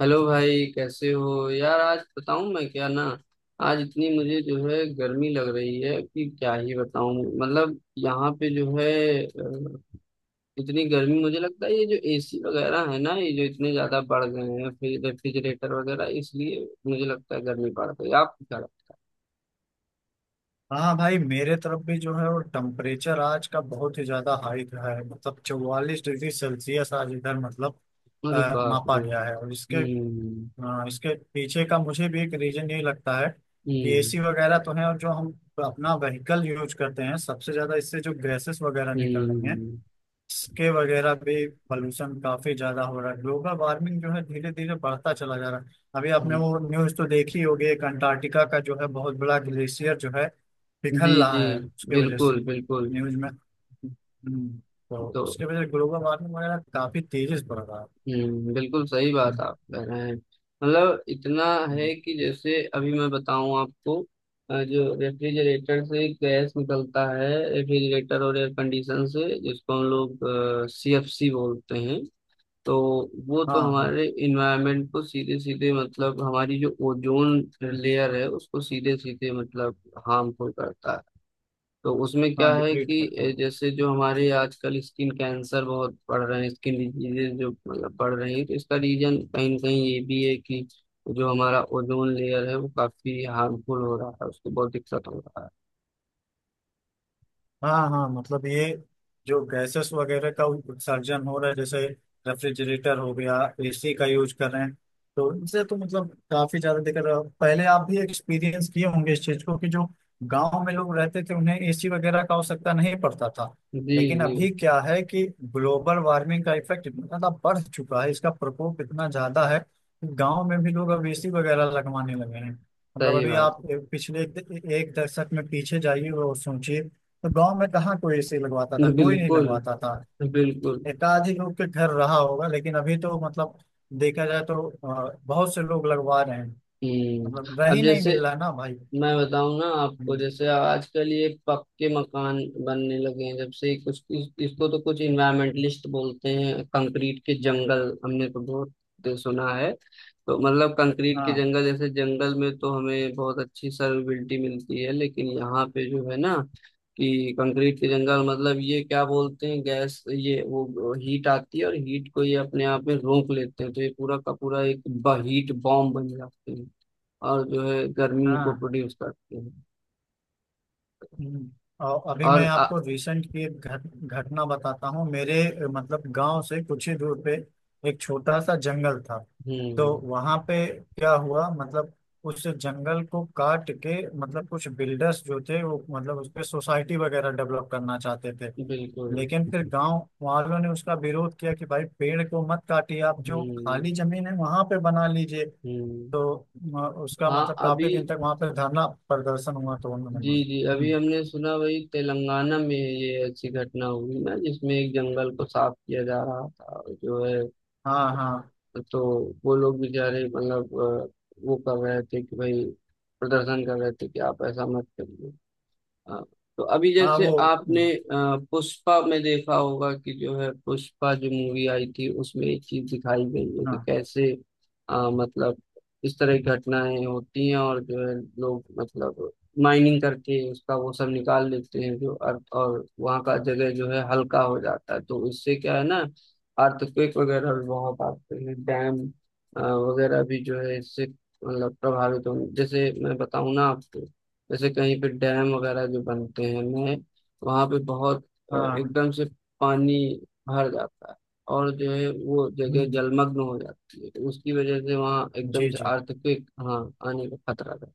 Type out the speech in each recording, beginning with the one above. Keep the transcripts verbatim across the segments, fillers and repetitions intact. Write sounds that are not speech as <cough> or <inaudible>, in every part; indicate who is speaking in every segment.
Speaker 1: Hello भाई, कैसे हो यार। आज बताऊं मैं क्या ना, आज इतनी मुझे जो है गर्मी लग रही है कि क्या ही बताऊं। मतलब यहाँ पे जो है अ, इतनी गर्मी, मुझे लगता है ये जो एसी वगैरह है ना, ये जो इतने ज्यादा बढ़ गए हैं, फिर रेफ्रिजरेटर वगैरह, इसलिए मुझे लगता है गर्मी बढ़ गई। आप क्या
Speaker 2: हाँ भाई, मेरे तरफ भी जो है वो टेम्परेचर आज का बहुत ही ज्यादा हाई रहा है। मतलब चौवालीस डिग्री सेल्सियस आज इधर मतलब
Speaker 1: लगता है? अरे
Speaker 2: अ,
Speaker 1: बाप
Speaker 2: मापा
Speaker 1: रे।
Speaker 2: गया है। और इसके
Speaker 1: हम्म।
Speaker 2: अ, इसके पीछे का मुझे भी एक रीजन यही लगता है कि
Speaker 1: हम्म।
Speaker 2: एसी वगैरह तो है और जो हम अपना व्हीकल यूज करते हैं, सबसे ज्यादा इससे जो गैसेस वगैरह निकल रही हैं,
Speaker 1: हम्म।
Speaker 2: इसके वगैरह पे पॉल्यूशन काफी ज्यादा हो रहा है। ग्लोबल वार्मिंग जो है धीरे धीरे बढ़ता चला जा रहा है। अभी आपने
Speaker 1: हम्म।
Speaker 2: वो न्यूज तो देखी होगी, एक अंटार्कटिका का जो है बहुत बड़ा ग्लेशियर जो है
Speaker 1: जी
Speaker 2: पिघल
Speaker 1: जी।
Speaker 2: रहा है उसके वजह से
Speaker 1: बिल्कुल बिल्कुल।
Speaker 2: न्यूज में। हम्म, तो
Speaker 1: तो
Speaker 2: उसके वजह से ग्लोबल वार्मिंग वगैरह काफी तेजी से बढ़ रहा
Speaker 1: हम्म बिल्कुल सही
Speaker 2: है।
Speaker 1: बात आप कह रहे हैं, मतलब इतना है कि जैसे अभी मैं बताऊं आपको, अ, जो रेफ्रिजरेटर से गैस निकलता है। रेफ्रिजरेटर और एयर कंडीशन से, जिसको हम लोग सीएफसी बोलते हैं, तो वो तो
Speaker 2: हाँ।
Speaker 1: हमारे इन्वायरमेंट को सीधे सीधे, मतलब हमारी जो ओजोन लेयर है उसको सीधे सीधे मतलब हार्मफुल करता है। तो उसमें
Speaker 2: हाँ,
Speaker 1: क्या है
Speaker 2: डिप्लीट
Speaker 1: कि
Speaker 2: करता
Speaker 1: ए,
Speaker 2: है।
Speaker 1: जैसे जो हमारे आजकल स्किन कैंसर बहुत बढ़ रहे हैं, स्किन डिजीजेज जो मतलब बढ़ रही हैं, तो इसका रीजन कहीं ना कहीं ये भी है कि जो हमारा ओजोन लेयर है वो काफी हार्मफुल हो रहा है, उसको बहुत दिक्कत हो रहा है।
Speaker 2: हाँ हाँ, मतलब ये जो गैसेस वगैरह का उत्सर्जन हो रहा है, जैसे रेफ्रिजरेटर हो गया, एसी का यूज कर रहे हैं, तो इनसे तो मतलब काफी ज्यादा दिक्कत है। पहले आप भी एक्सपीरियंस किए होंगे इस चीज को कि जो गांव में लोग रहते थे उन्हें एसी वगैरह का आवश्यकता नहीं पड़ता था।
Speaker 1: जी
Speaker 2: लेकिन
Speaker 1: जी।
Speaker 2: अभी क्या है कि ग्लोबल वार्मिंग का इफेक्ट इतना ज्यादा बढ़ चुका है, इसका प्रकोप इतना ज्यादा है कि गांव में भी लोग अब एसी वगैरह लगवाने लगे हैं। मतलब
Speaker 1: सही
Speaker 2: अभी
Speaker 1: बात।
Speaker 2: आप पिछले एक एक दशक में पीछे जाइए और सोचिए, तो गांव में कहाँ कोई एसी लगवाता था,
Speaker 1: <laughs>
Speaker 2: कोई नहीं
Speaker 1: बिल्कुल।
Speaker 2: लगवाता था।
Speaker 1: बिल्कुल।
Speaker 2: एकाधिक लोग के घर रहा होगा, लेकिन अभी तो मतलब देखा जाए तो अ, बहुत से लोग लगवा रहे हैं।
Speaker 1: हम्म।
Speaker 2: मतलब
Speaker 1: अब
Speaker 2: रही नहीं,
Speaker 1: जैसे
Speaker 2: मिल रहा ना भाई।
Speaker 1: मैं बताऊं ना आपको,
Speaker 2: हम्म,
Speaker 1: जैसे आजकल ये पक्के मकान बनने लगे हैं, जब से ही कुछ इस, इसको तो कुछ इन्वायरमेंटलिस्ट बोलते हैं कंक्रीट के जंगल, हमने तो बहुत सुना है। तो मतलब कंक्रीट के
Speaker 2: हाँ
Speaker 1: जंगल, जैसे जंगल में तो हमें बहुत अच्छी सर्विलिटी मिलती है, लेकिन यहाँ पे जो है ना, कि कंक्रीट के जंगल मतलब ये क्या बोलते हैं, गैस ये वो हीट आती है और हीट को ये अपने आप में रोक लेते हैं, तो ये पूरा का पूरा एक हीट बॉम्ब बन जाते हैं और जो है गर्मी को
Speaker 2: हाँ।
Speaker 1: प्रोड्यूस करते हैं।
Speaker 2: हम्म, और अभी मैं
Speaker 1: और आ,
Speaker 2: आपको रिसेंट की एक घट, घटना बताता हूँ। मेरे अ, मतलब गांव से कुछ ही दूर पे एक छोटा सा जंगल था। तो
Speaker 1: हम्म।
Speaker 2: वहां पे क्या हुआ मतलब, उस जंगल को काट के मतलब कुछ बिल्डर्स जो थे वो मतलब उस पे सोसाइटी वगैरह डेवलप करना चाहते थे।
Speaker 1: बिल्कुल।
Speaker 2: लेकिन फिर गांव वालों ने उसका विरोध किया कि भाई पेड़ को मत काटिए, आप जो
Speaker 1: हम्म।
Speaker 2: खाली जमीन है वहां पे बना लीजिए।
Speaker 1: हम्म।
Speaker 2: तो अ, उसका
Speaker 1: हाँ
Speaker 2: मतलब
Speaker 1: अभी,
Speaker 2: काफी दिन तक वहां पे धरना प्रदर्शन हुआ, तो उन्होंने।
Speaker 1: जी जी, अभी
Speaker 2: हम्म।
Speaker 1: हमने सुना वही तेलंगाना में, ये अच्छी घटना हुई ना जिसमें एक जंगल को साफ किया जा रहा था और जो है,
Speaker 2: हाँ हाँ।
Speaker 1: तो वो लोग बेचारे मतलब अ, वो कर रहे थे कि भाई, प्रदर्शन कर रहे थे कि आप ऐसा मत करिए। हाँ। तो अभी
Speaker 2: हाँ
Speaker 1: जैसे
Speaker 2: वो।
Speaker 1: आपने अ, पुष्पा में देखा होगा कि जो है, पुष्पा जो मूवी आई थी उसमें एक चीज दिखाई गई है कि
Speaker 2: हाँ
Speaker 1: कैसे अ, मतलब इस तरह की घटनाएं होती हैं, और जो है लोग मतलब माइनिंग करके उसका वो सब निकाल लेते हैं जो अर्थ, और वहाँ का जगह जो है हल्का हो जाता है, तो उससे क्या है ना अर्थक्वेक वगैरह भी बहुत आते हैं। डैम अ, वगैरह भी जो है इससे मतलब प्रभावित होंगे। जैसे मैं बताऊँ ना आपको, जैसे कहीं पे डैम वगैरह जो बनते हैं नए, वहाँ पे बहुत अ,
Speaker 2: हाँ।
Speaker 1: एकदम से पानी भर जाता है, और जो है वो जगह
Speaker 2: हम्म,
Speaker 1: जलमग्न हो जाती है, तो उसकी वजह से वहाँ एकदम
Speaker 2: जी
Speaker 1: से
Speaker 2: जी।
Speaker 1: अर्थक्वेक, हाँ, आने का खतरा था।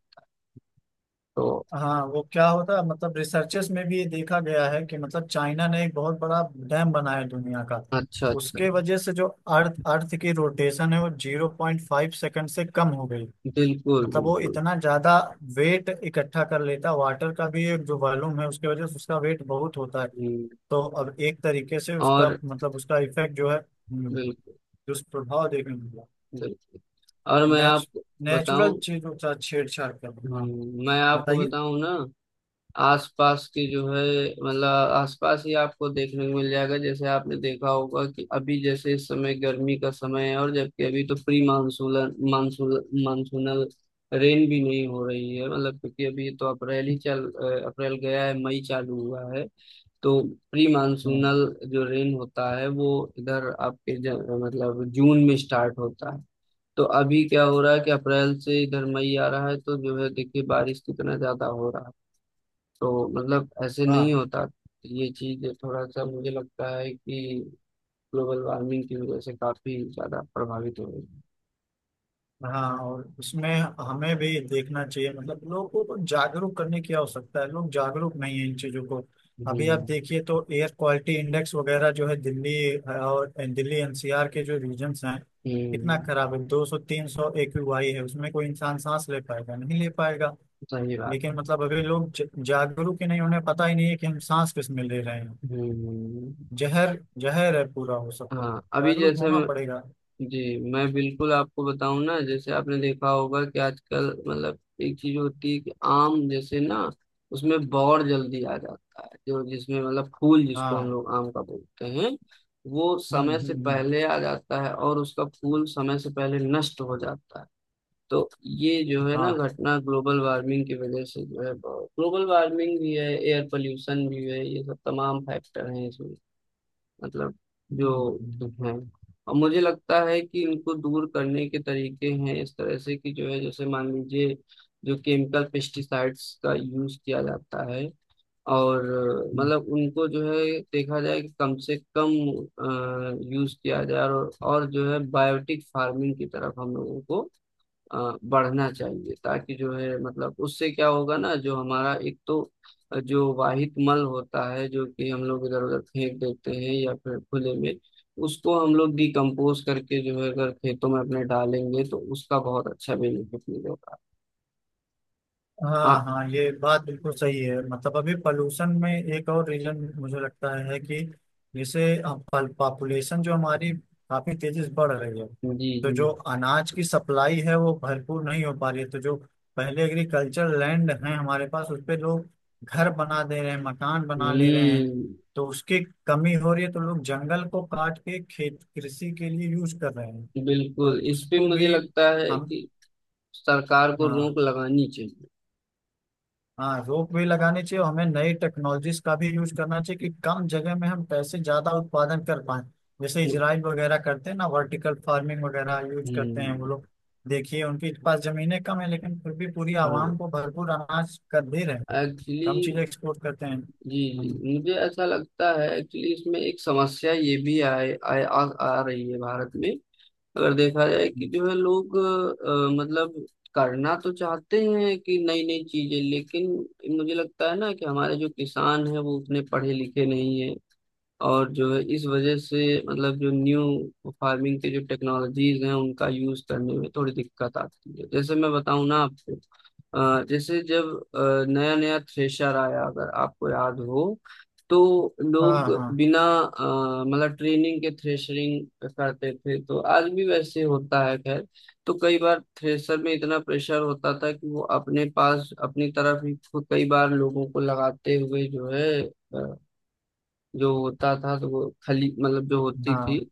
Speaker 1: तो।
Speaker 2: हाँ, वो क्या होता है मतलब रिसर्चेस में भी ये देखा गया है कि मतलब चाइना ने एक बहुत बड़ा डैम बनाया है दुनिया का।
Speaker 1: अच्छा अच्छा।
Speaker 2: उसके वजह से जो अर्थ अर्थ की रोटेशन है वो जीरो पॉइंट फाइव सेकंड से कम हो गई।
Speaker 1: बिल्कुल
Speaker 2: मतलब वो
Speaker 1: बिल्कुल।
Speaker 2: इतना ज्यादा वेट इकट्ठा कर लेता, वाटर का भी एक जो वॉल्यूम है उसके वजह से उसका वेट बहुत होता है।
Speaker 1: हम्म,
Speaker 2: तो अब एक तरीके से उसका
Speaker 1: और
Speaker 2: मतलब उसका इफेक्ट जो है हम्म,
Speaker 1: बिल्कुल
Speaker 2: दुष्प्रभाव देखने को मिला।
Speaker 1: बिल्कुल, और मैं
Speaker 2: नेच,
Speaker 1: आपको
Speaker 2: नेचुरल
Speaker 1: बताऊं।
Speaker 2: चीजों का छेड़छाड़ करना। हाँ,
Speaker 1: हम्म, मैं आपको
Speaker 2: बताइए।
Speaker 1: बताऊं ना, आसपास के जो है मतलब आसपास ही आपको देखने को मिल जाएगा। जैसे आपने देखा होगा कि अभी जैसे इस समय गर्मी का समय है, और जबकि अभी तो pre monsoonal monsoon monsoonal rain भी नहीं हो रही है, मतलब क्योंकि अभी तो अप्रैल ही चल अ, अप्रैल गया है, मई चालू हुआ है। तो प्री
Speaker 2: हाँ
Speaker 1: मानसूनल जो रेन होता है, वो इधर आपके ज, मतलब जून में स्टार्ट होता है। तो अभी क्या हो रहा है कि अप्रैल से इधर मई आ रहा है, तो जो है देखिए बारिश कितना ज्यादा हो रहा है, तो मतलब ऐसे नहीं
Speaker 2: हाँ
Speaker 1: होता। ये चीज थोड़ा सा मुझे लगता है कि ग्लोबल वार्मिंग की वजह से काफी ज्यादा प्रभावित हो रही है।
Speaker 2: हाँ, और उसमें हमें भी देखना चाहिए, मतलब लोगों को जागरूक करने की आवश्यकता है। लोग जागरूक नहीं है इन चीजों को। अभी आप
Speaker 1: हम्म।
Speaker 2: देखिए तो एयर क्वालिटी इंडेक्स वगैरह जो है दिल्ली और दिल्ली एन सी आर के जो रीजन्स हैं, कितना
Speaker 1: हम्म।
Speaker 2: खराब है। दो सौ तीन सौ ए क्यू आई है, उसमें कोई इंसान सांस ले पाएगा, नहीं ले पाएगा।
Speaker 1: सही बात
Speaker 2: लेकिन
Speaker 1: है।
Speaker 2: मतलब अभी लोग ज- जागरूक ही नहीं, उन्हें पता ही नहीं है कि हम सांस किस में ले रहे हैं।
Speaker 1: हम्म।
Speaker 2: जहर, जहर है पूरा वो सब कुछ।
Speaker 1: हाँ अभी
Speaker 2: जागरूक
Speaker 1: जैसे,
Speaker 2: होना पड़ेगा।
Speaker 1: जी, मैं बिल्कुल आपको बताऊं ना, जैसे आपने देखा होगा कि आजकल मतलब एक चीज होती है कि आम जैसे ना, उसमें बौर जल्दी आ जाता है, जो जिसमें मतलब फूल जिसको हम
Speaker 2: हाँ।
Speaker 1: लोग आम का बोलते हैं, वो
Speaker 2: हम्म
Speaker 1: समय
Speaker 2: हम्म
Speaker 1: से
Speaker 2: हम्म,
Speaker 1: पहले आ जाता है और उसका फूल समय से पहले नष्ट हो जाता है। तो ये जो है ना
Speaker 2: हाँ,
Speaker 1: घटना ग्लोबल वार्मिंग की वजह से जो है, ग्लोबल वार्मिंग भी है, एयर पोल्यूशन भी है, ये सब तमाम फैक्टर हैं इसमें, मतलब जो
Speaker 2: हम्म
Speaker 1: है। और मुझे लगता है कि इनको दूर करने के तरीके हैं इस तरह से कि जो है जैसे मान लीजिए जो केमिकल पेस्टिसाइड्स का यूज किया जाता है, और अ,
Speaker 2: हम्म,
Speaker 1: मतलब उनको जो है देखा जाए कि कम से कम यूज किया जाए, और, और जो है बायोटिक फार्मिंग की तरफ हम लोगों को अ, बढ़ना चाहिए, ताकि जो है मतलब उससे क्या होगा ना, जो हमारा एक तो जो वाहित मल होता है जो कि हम लोग इधर उधर फेंक देते हैं या फिर खुले में, उसको हम लोग डिकम्पोज करके जो है अगर खेतों में अपने डालेंगे तो उसका बहुत अच्छा बेनिफिट मिलेगा।
Speaker 2: हाँ
Speaker 1: हाँ।
Speaker 2: हाँ, ये बात बिल्कुल सही है। मतलब अभी पॉल्यूशन में एक और रीजन मुझे लगता है कि जैसे पॉपुलेशन जो हमारी काफी तेजी से बढ़ रही है,
Speaker 1: जी
Speaker 2: तो
Speaker 1: जी।
Speaker 2: जो अनाज की सप्लाई है वो भरपूर नहीं हो पा रही है। तो जो पहले एग्रीकल्चर लैंड है हमारे पास, उस पे लोग घर बना दे रहे हैं, मकान बना ले रहे हैं।
Speaker 1: हम्म
Speaker 2: तो उसकी कमी हो रही है, तो लोग जंगल को काट के खेत कृषि के लिए यूज कर रहे हैं। तो
Speaker 1: बिल्कुल, इस पे
Speaker 2: उसको
Speaker 1: मुझे
Speaker 2: भी
Speaker 1: लगता है
Speaker 2: हम।
Speaker 1: कि सरकार को
Speaker 2: हाँ।
Speaker 1: रोक लगानी चाहिए।
Speaker 2: हाँ, रोप वे लगाने चाहिए, और हमें नई टेक्नोलॉजीज का भी यूज करना चाहिए कि कम जगह में हम कैसे ज्यादा उत्पादन कर पाए। जैसे इजराइल वगैरह करते हैं ना, वर्टिकल फार्मिंग वगैरह यूज करते हैं वो लोग।
Speaker 1: हम्म,
Speaker 2: देखिए, उनके पास जमीनें कम है लेकिन फिर भी पूरी
Speaker 1: हाँ।
Speaker 2: आवाम को भरपूर अनाज कर दे रहे हैं।
Speaker 1: एक्चुअली।
Speaker 2: कम चीजें एक्सपोर्ट करते हैं।
Speaker 1: जी
Speaker 2: हम्म,
Speaker 1: जी, मुझे ऐसा लगता है एक्चुअली इसमें एक समस्या ये भी आए, आए आ, आ रही है भारत में। अगर देखा जाए कि
Speaker 2: हम्म,
Speaker 1: जो है लोग अ, मतलब करना तो चाहते हैं कि नई नई चीजें, लेकिन मुझे लगता है ना कि हमारे जो किसान हैं वो उतने पढ़े लिखे नहीं है, और जो है इस वजह से मतलब जो न्यू फार्मिंग के जो टेक्नोलॉजीज हैं उनका यूज करने में थोड़ी दिक्कत आती है। जैसे मैं बताऊं ना आपको, अ, जैसे जब नया नया थ्रेशर आया, अगर आपको याद हो, तो
Speaker 2: हाँ
Speaker 1: लोग
Speaker 2: हाँ
Speaker 1: बिना अ, मतलब ट्रेनिंग के थ्रेशरिंग करते थे, तो आज भी वैसे होता है। खैर, तो कई बार थ्रेशर में इतना प्रेशर होता था कि वो अपने पास अपनी तरफ ही खुद कई बार लोगों को लगाते हुए जो है जो होता था, तो वो खली मतलब जो होती
Speaker 2: हाँ
Speaker 1: थी
Speaker 2: हाँ,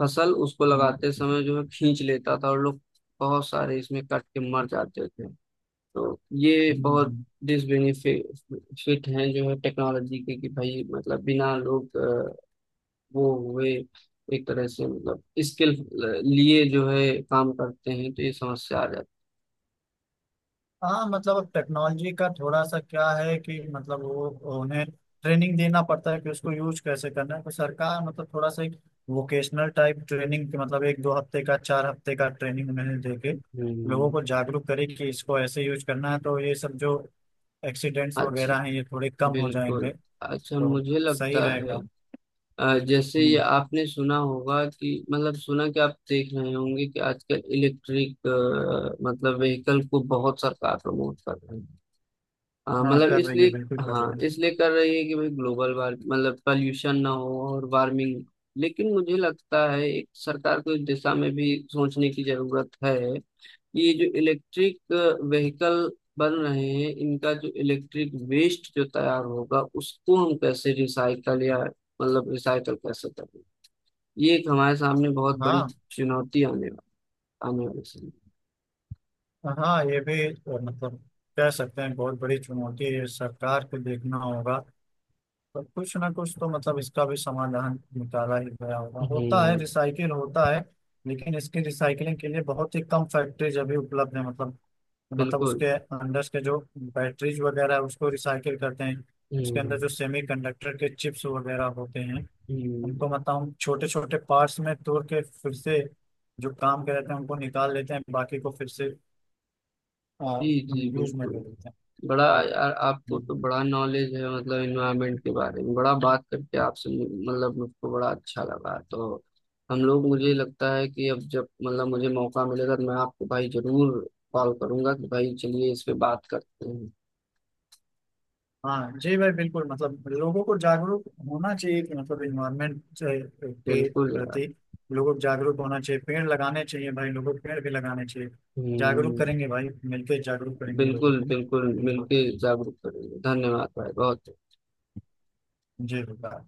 Speaker 1: फसल, उसको
Speaker 2: हम्म,
Speaker 1: लगाते समय जो है खींच लेता था, और लोग बहुत सारे इसमें कट के मर जाते थे। तो ये बहुत
Speaker 2: हम्म।
Speaker 1: डिसबेनिफिट हैं जो है टेक्नोलॉजी के, कि भाई मतलब बिना लोग अ, वो हुए एक तरह से, मतलब स्किल लिए जो है काम करते हैं तो ये समस्या आ जाती
Speaker 2: हाँ, मतलब अब टेक्नोलॉजी का थोड़ा सा क्या है कि मतलब वो उन्हें ट्रेनिंग देना पड़ता है कि उसको यूज कैसे करना है। तो सरकार मतलब थोड़ा सा एक वोकेशनल टाइप ट्रेनिंग, मतलब एक दो हफ्ते का, चार हफ्ते का ट्रेनिंग उन्हें दे
Speaker 1: है।
Speaker 2: के लोगों को
Speaker 1: हम्म।
Speaker 2: जागरूक करे कि इसको ऐसे यूज करना है। तो ये सब जो एक्सीडेंट्स वगैरह हैं
Speaker 1: अच्छा।
Speaker 2: ये थोड़े कम हो
Speaker 1: बिल्कुल।
Speaker 2: जाएंगे।
Speaker 1: अच्छा,
Speaker 2: तो
Speaker 1: मुझे
Speaker 2: सही
Speaker 1: लगता है
Speaker 2: रहेगा।
Speaker 1: अ, जैसे ये
Speaker 2: हम्म।
Speaker 1: आपने सुना होगा कि मतलब सुना, कि आप देख रहे होंगे कि आजकल इलेक्ट्रिक मतलब व्हीकल को बहुत सरकार प्रमोट कर रही है, अ,
Speaker 2: हाँ,
Speaker 1: मतलब
Speaker 2: कर रही है,
Speaker 1: इसलिए।
Speaker 2: बिल्कुल कर
Speaker 1: हाँ
Speaker 2: रही है।
Speaker 1: इसलिए कर रही है कि भाई ग्लोबल वार्म, मतलब पॉल्यूशन ना हो और वार्मिंग। लेकिन मुझे लगता है एक सरकार को इस दिशा में भी सोचने की जरूरत है, कि ये जो इलेक्ट्रिक व्हीकल बन रहे हैं, इनका जो इलेक्ट्रिक वेस्ट जो तैयार होगा, उसको हम कैसे रिसाइकल या मतलब रिसाइकल कैसे करें, ये एक हमारे सामने बहुत बड़ी
Speaker 2: हाँ।
Speaker 1: चुनौती आने वा- आने वाली समय।
Speaker 2: हाँ, ये भी अ, मतलब कह सकते हैं बहुत बड़ी चुनौती है, ये सरकार को देखना होगा। पर कुछ ना कुछ तो मतलब इसका भी समाधान निकाला ही गया होगा, होता है,
Speaker 1: हम्म।
Speaker 2: रिसाइकिल होता है। लेकिन इसकी रिसाइकलिंग के लिए बहुत ही कम फैक्ट्रीज अभी उपलब्ध है। मतलब मतलब
Speaker 1: बिल्कुल।
Speaker 2: उसके अंदर के जो बैटरीज वगैरह है उसको रिसाइकिल करते हैं। उसके अंदर
Speaker 1: हम्म।
Speaker 2: जो सेमी कंडक्टर के चिप्स वगैरह होते हैं,
Speaker 1: हम्म।
Speaker 2: उनको मतलब हम छोटे छोटे पार्ट्स में तोड़ के फिर से, जो काम के रहते हैं उनको निकाल लेते हैं, बाकी को फिर से
Speaker 1: जी जी।
Speaker 2: यूज में
Speaker 1: बिल्कुल।
Speaker 2: ले लेते
Speaker 1: बड़ा यार, आपको
Speaker 2: हैं।
Speaker 1: तो बड़ा नॉलेज है, मतलब इन्वायरमेंट के बारे में, बड़ा बात करके आपसे मु- मतलब मुझको बड़ा अच्छा लगा। तो हम लोग, मुझे लगता है कि अब जब मतलब मुझे मौका मिलेगा, तो मैं आपको भाई जरूर कॉल करूंगा कि भाई चलिए इस पे बात करते हैं।
Speaker 2: हाँ जी भाई, बिल्कुल, मतलब लोगों को जागरूक होना चाहिए कि मतलब इन्वायरमेंट के
Speaker 1: बिल्कुल यार।
Speaker 2: प्रति लोगों को जागरूक होना चाहिए। पेड़ लगाने चाहिए भाई, लोगों को पेड़ भी लगाने चाहिए। जागरूक
Speaker 1: हम्म।
Speaker 2: करेंगे भाई, मिलकर जागरूक करेंगे लोगों
Speaker 1: बिल्कुल
Speaker 2: को।
Speaker 1: बिल्कुल
Speaker 2: बिल्कुल,
Speaker 1: मिलके जागरूक करेंगे। धन्यवाद भाई बहुत।
Speaker 2: जी होगा।